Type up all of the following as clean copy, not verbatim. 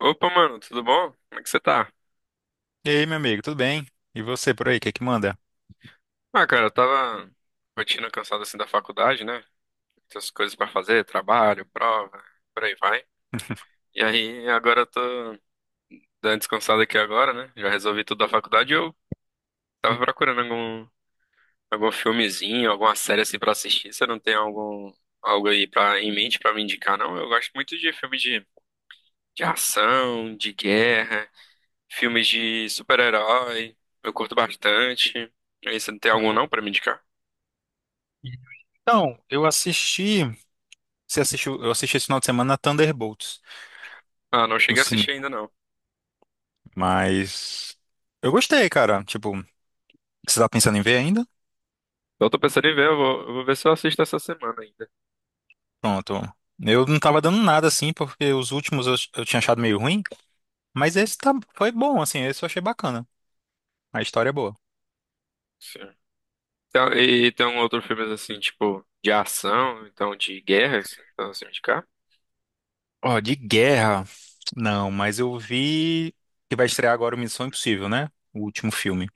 Opa, mano, tudo bom? Como é que você tá? E aí, meu amigo, tudo bem? E você por aí, o que que manda? Ah, cara, eu tava rotina cansada assim da faculdade, né? Essas coisas pra fazer, trabalho, prova, por aí vai. E aí, agora eu tô dando descansada aqui agora, né? Já resolvi tudo da faculdade e eu tava procurando algum filmezinho, alguma série assim pra assistir. Você não tem algo aí pra, em mente pra me indicar, não? Eu gosto muito de filme de ação, de guerra, filmes de super-herói. Eu curto bastante. E aí, você não tem algum não pra me indicar? Então, eu assisti esse final de semana Thunderbolts Ah, não no cheguei a assistir ainda cinema, não. mas eu gostei, cara. Tipo, você tá pensando em ver ainda? Eu tô pensando em ver, eu vou ver se eu assisto essa semana ainda. Pronto. Eu não tava dando nada assim, porque os últimos eu tinha achado meio ruim, mas esse tá, foi bom, assim, esse eu achei bacana. A história é boa. Sim. Então, e tem um outro filme assim, tipo, de ação, então de guerra, assim, então assim, de cá. Ó, de guerra, não, mas eu vi que vai estrear agora o Missão Impossível, né? O último filme.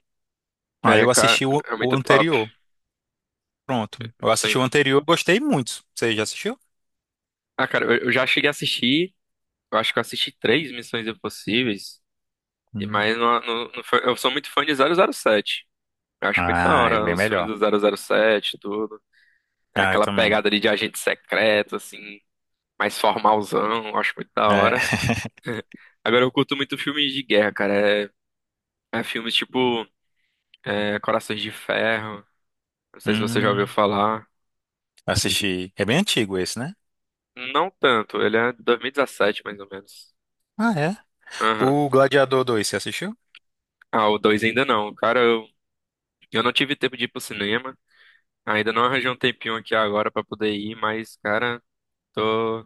Aí É, eu assisti cara, o é o muito top. anterior. Pronto. Eu Isso assisti aí. o anterior, gostei muito. Você já assistiu? Ah, cara, eu já cheguei a assistir, eu acho que eu assisti três Missões Impossíveis, e Hum. mas não, não, não foi- eu sou muito fã de 007. Eu acho muito da Ah, é hora bem os filmes melhor. do 007 e tudo. Ah, eu Aquela também. pegada ali de agente secreto, assim, mais formalzão, eu acho muito da É. hora. Agora eu curto muito filmes de guerra, cara. É filmes tipo Corações de Ferro. Não sei se você já Hum, ouviu falar. assisti. É bem antigo esse, né? Não tanto, ele é de 2017, mais ou menos. Ah, é. Aham. O Gladiador 2, você assistiu? Ah, o 2 ainda não. Cara, eu não tive tempo de ir pro cinema. Ainda não arranjei um tempinho aqui agora pra poder ir, mas, cara, tô.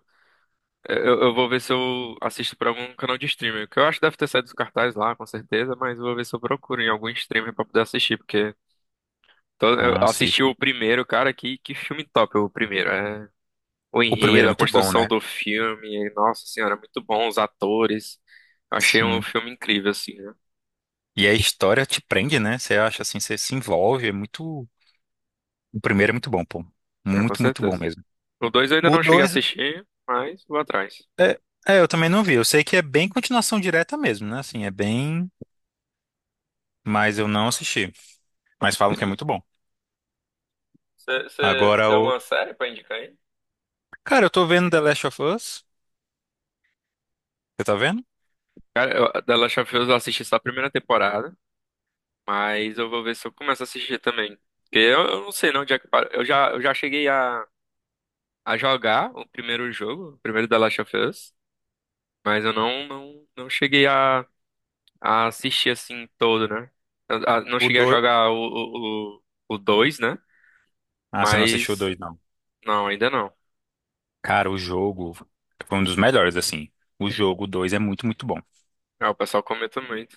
Eu vou ver se eu assisto por algum canal de streaming. Que eu acho que deve ter saído dos cartazes lá, com certeza, mas eu vou ver se eu procuro em algum streamer pra poder assistir, porque. Então, eu Ah, sim. assisti o primeiro, cara, que filme top o primeiro. É, o O primeiro enredo, é a muito bom, construção né? do filme, nossa senhora, muito bom, os atores. Eu achei um Sim. filme incrível, assim, né? E a história te prende, né? Você acha assim, você se envolve, é muito. O primeiro é muito bom, pô. É, com Muito, muito bom certeza. mesmo. O dois eu ainda O não cheguei a dois assistir, mas vou atrás. É, é, eu também não vi. Eu sei que é bem continuação direta mesmo, né? Assim, é bem. Mas eu não assisti. Mas falam que é muito bom. Você Agora tem o. alguma série pra indicar aí? Cara, eu tô vendo The Last of Us. Você tá vendo? Cara, The Last of Us eu assisti só a primeira temporada, mas eu vou ver se eu começo a assistir também. Porque eu não sei não onde é que para. Eu já cheguei a jogar o primeiro jogo, o primeiro The Last of Us, mas eu não cheguei a assistir assim todo, né? Não O cheguei a dois? jogar o, o 2, né? Ah, você não assistiu o Mas 2, não. não, ainda não. Cara, o jogo foi um dos melhores, assim. O jogo 2 é muito, muito bom. Ah, o pessoal comenta muito.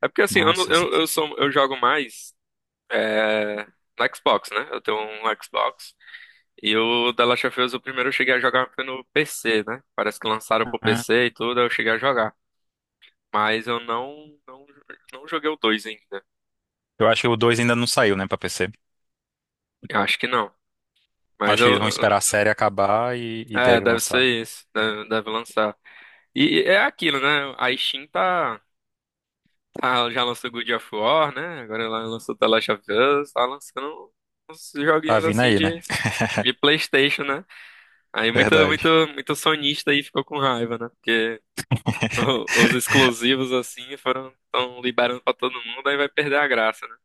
É porque assim, eu, não- Nossa. Esse- eu sou eu jogo mais é, no Xbox, né? Eu tenho um Xbox. E o The Last of Us, o primeiro eu cheguei a jogar foi no PC, né? Parece que lançaram pro Ah, PC e tudo, aí eu cheguei a jogar. Mas eu não joguei o 2 ainda. eu acho que o 2 ainda não saiu, né, pra PC. Eu acho que não. Mas Acho eu. que eles vão eu- esperar a série acabar e É, deve deve ser lançar. isso. Deve lançar. E é aquilo, né? A Steam já lançou God of War, né? Agora ela lançou The Last of Us, tá lançando uns Tá joguinhos vindo assim aí, né? de PlayStation, né? Aí muito, muito, Verdade. muito sonista aí ficou com raiva, né? Porque os exclusivos assim foram tão liberando pra todo mundo, aí vai perder a graça, né?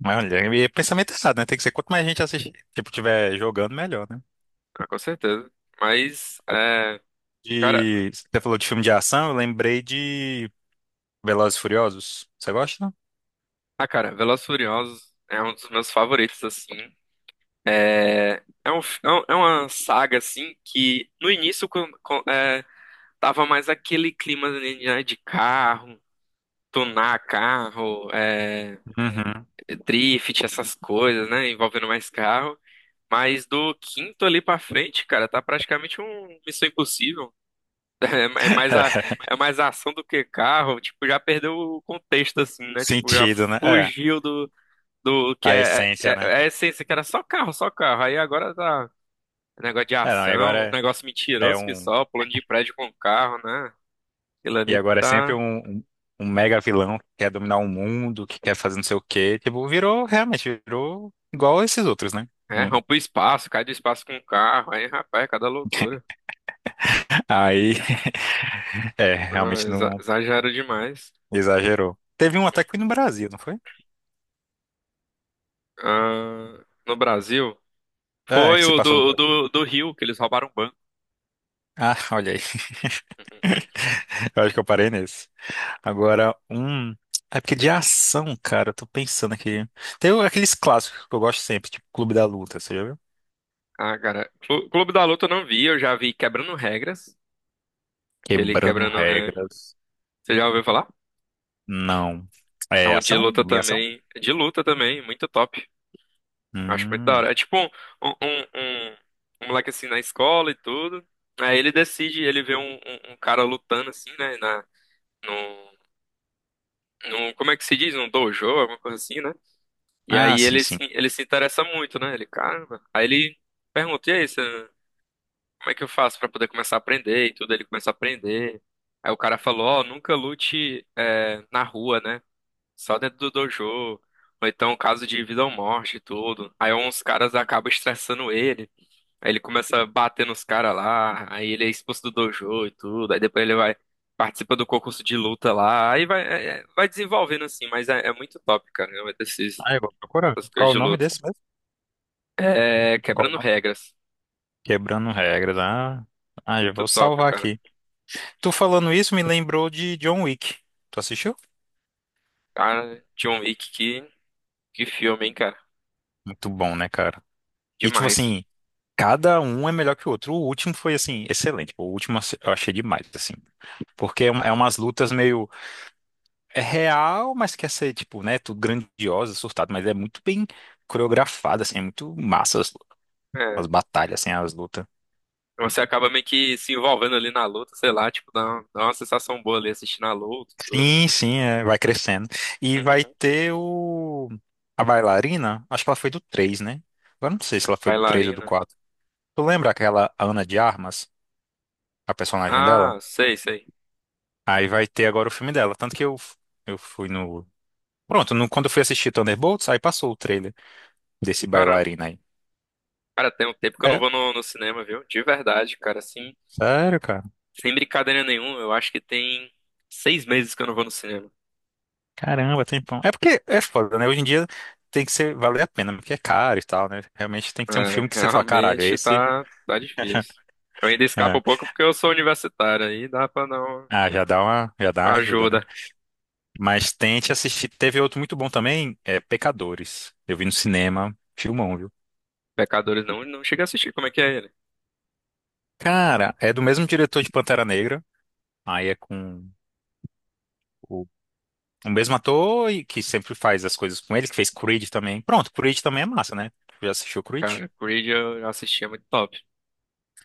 Mas olha, e pensamento errado, né? Tem que ser quanto mais gente assistir, tipo, tiver jogando, melhor, né? Ah, com certeza. Mas, é, cara, De. Você falou de filme de ação, eu lembrei de Velozes e Furiosos. Você gosta? ah, cara, Velozes e Furiosos é um dos meus favoritos, assim. É uma saga, assim, que no início, quando, tava mais aquele clima, né, de carro, tunar carro, Uhum. drift, essas coisas, né? Envolvendo mais carro. Mas do quinto ali pra frente, cara, tá praticamente um Missão Impossível. É, é mais a, é mais ação do que carro. Tipo, já perdeu o contexto, assim, né? Tipo, já Sentido, né? É, fugiu do que a é, é, essência, é né? é a essência, que era só carro, só carro. Aí agora tá negócio de É, não, e ação, agora negócio é mentiroso que um. só, pulando de prédio com carro, né? Aquilo E ali agora é sempre tá. um um mega vilão que quer dominar o mundo, que quer fazer não sei o quê. Tipo, virou, realmente, virou igual esses outros, né? É, Um- rompe o espaço, cai do espaço com o carro. Aí, rapaz, é cada loucura. Aí, é, Não, realmente não exagero demais. exagerou. Teve um até que foi no Brasil, não foi? Ah, no Brasil, É, foi que se o passou no do, o Brasil. do, do Rio, que eles roubaram o banco. Ah, olha aí. Eu acho que eu parei nesse. Agora, um. É porque de ação, cara, eu tô pensando aqui. Tem o- aqueles clássicos que eu gosto sempre, tipo Clube da Luta, você já viu? Ah, cara, Clube da Luta eu não vi, eu já vi Quebrando Regras, aquele Quebrando Quebrando Regras. regras. Você já ouviu falar? Não. É É um ação? Bem ação? De luta também, muito top. Acho muito da Hum. hora. É tipo um, um, um- um moleque assim na escola e tudo. Aí ele decide, ele vê um cara lutando assim, né, na, num, como é que se diz? Num dojo, alguma coisa assim, né? E Ah, aí sim, ele sim. se, ele se interessa muito, né? Ele, caramba. Aí ele pergunta, e aí, você, como é que eu faço pra poder começar a aprender e tudo? Ele começa a aprender. Aí o cara falou, ó, nunca lute na rua, né? Só dentro do dojo. Ou então caso de vida ou morte e tudo. Aí uns caras acabam estressando ele. Aí ele começa a bater nos caras lá, aí ele é expulso do dojo e tudo, aí depois ele vai, participa do concurso de luta lá, aí vai, vai desenvolvendo assim, mas é muito top, cara, né, Ah, eu vou procurar. essas coisas Qual o de nome luta. desse mesmo? É, Qual o quebrando nome? regras, Quebrando regras. Ah, ah, já muito vou top, salvar cara. aqui. Tu falando isso me lembrou de John Wick. Tu assistiu? Cara, John Wick, que filme, hein, cara, Muito bom, né, cara? E tipo demais. assim, cada um é melhor que o outro. O último foi assim, excelente. O último eu achei demais, assim. Porque é, um- é umas lutas meio. É real, mas quer ser, tipo, né? Tudo grandiosa surtado, mas é muito bem coreografado, assim, é muito massa as, É, as batalhas, assim, as lutas. você acaba meio que se envolvendo ali na luta, sei lá, tipo, dá uma sensação boa ali assistindo a luta, e tudo. Sim, sim, é, vai crescendo. E vai Uhum. ter o. A bailarina, acho que ela foi do 3 né? Agora não sei se ela foi do 3 ou do Bailarina. quatro. Tu lembra aquela Ana de Armas, a personagem dela? Ah, sei, sei. Aí vai ter agora o filme dela. Tanto que eu fui no. Pronto, no- quando eu fui assistir Thunderbolts, aí passou o trailer desse Caramba. bailarina aí. Cara, tem um tempo que eu não É, vou no cinema, viu? De verdade, cara, assim, sério, cara. sem brincadeira nenhuma, eu acho que tem seis meses que eu não vou no cinema. Caramba, tempão. É porque é foda, né? Hoje em dia tem que ser valer a pena, porque é caro e tal, né? Realmente tem É, que ser um filme que você fala, caralho, é realmente esse. tá difícil. Eu ainda escapo É. um pouco porque eu sou universitário, aí dá pra dar uma Ah, já dá uma ajuda, né? ajuda. Mas tente assistir. Teve outro muito bom também, é Pecadores. Eu vi no cinema, filmão, viu? Pecadores não, não chega a assistir, como é que é ele? Cara, é do mesmo diretor de Pantera Negra. Aí é com o, o mesmo ator e que sempre faz as coisas com ele, que fez Creed também. Pronto, Creed também é massa, né? Já assistiu Creed? Cara, Creed eu assistia muito top.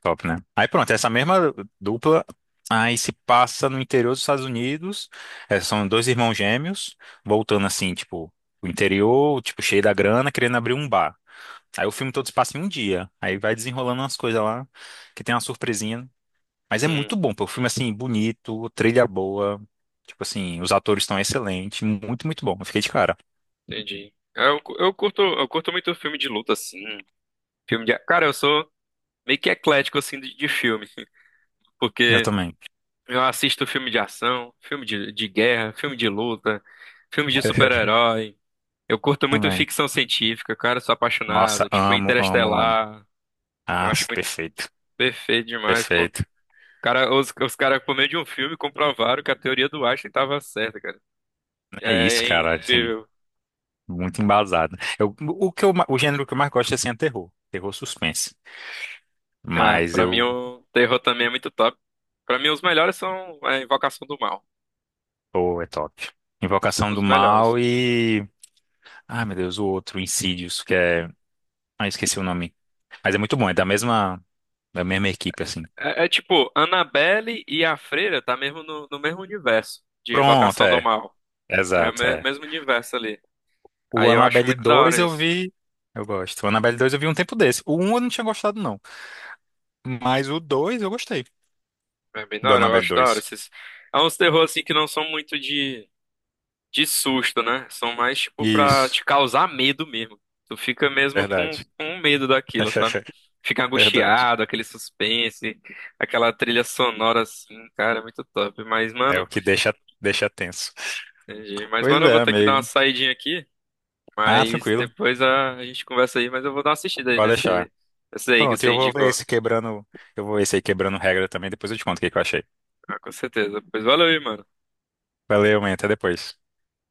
Top, né? Aí pronto, essa mesma dupla aí se passa no interior dos Estados Unidos. É, são dois irmãos gêmeos, voltando assim, tipo, o interior, tipo, cheio da grana, querendo abrir um bar. Aí o filme todo se passa em um dia. Aí vai desenrolando umas coisas lá, que tem uma surpresinha. Né? Mas é muito Hum, bom, pô. O filme, assim, bonito, trilha boa. Tipo assim, os atores estão excelentes. Muito, muito bom. Eu fiquei de cara. entendi. Eu curto muito filme de luta, assim. Filme de. Cara, eu sou meio que eclético, assim, de filme, Eu porque. também. Eu assisto filme de ação, filme de guerra, filme de luta, filme de super-herói. Eu curto muito Também. ficção científica, cara, sou Nossa, apaixonado. Tipo, amo. Interestelar. Eu Ah, acho muito perfeito. perfeito demais. Com. Perfeito. Cara, os caras, por meio de um filme, comprovaram que a teoria do Einstein tava certa, cara. É isso, É cara, assim. incrível. Muito embasado. Eu, o que eu, ma- o gênero que eu mais gosto é assim, é terror. Terror suspense. Ah, Mas pra mim eu. o terror também é muito top. Pra mim os melhores são a Invocação do Mal. Pô, é top. Os, Invocação do os melhores. Mal e. Ai, meu Deus, o outro, Insidious, que é. Ah, esqueci o nome. Mas é muito bom, é da mesma equipe, assim. É tipo, Annabelle e a Freira tá mesmo no mesmo universo de Pronto, Invocação do é. Mal. É o Exato, é. mesmo universo ali. O Aí eu acho Annabelle muito da 2 hora eu isso. vi. Eu gosto. O Annabelle 2 eu vi um tempo desse. O 1 eu não tinha gostado, não. Mas o dois eu gostei. É bem da Do hora, eu Annabelle acho da hora dois esses. É uns terror assim que não são muito de susto, né? São mais tipo pra Isso, te causar medo mesmo. Tu fica mesmo com, verdade. com medo daquilo, sabe? Fica Verdade. angustiado, aquele suspense, aquela trilha sonora assim, cara, é muito top. Mas, É mano, o que deixa tenso. entendi. Mas, Pois mano, eu vou é, ter que dar uma amigo. saidinha aqui. Ah, Mas tranquilo. depois a gente conversa aí, mas eu vou dar uma assistida aí Pode nesse, deixar. nesse aí que Pronto, eu você vou ver indicou. esse quebrando. Eu vou ver esse aí quebrando regra também. Depois eu te conto o que que eu achei. Ah, com certeza. Pois valeu aí, mano. Valeu, man. Até depois.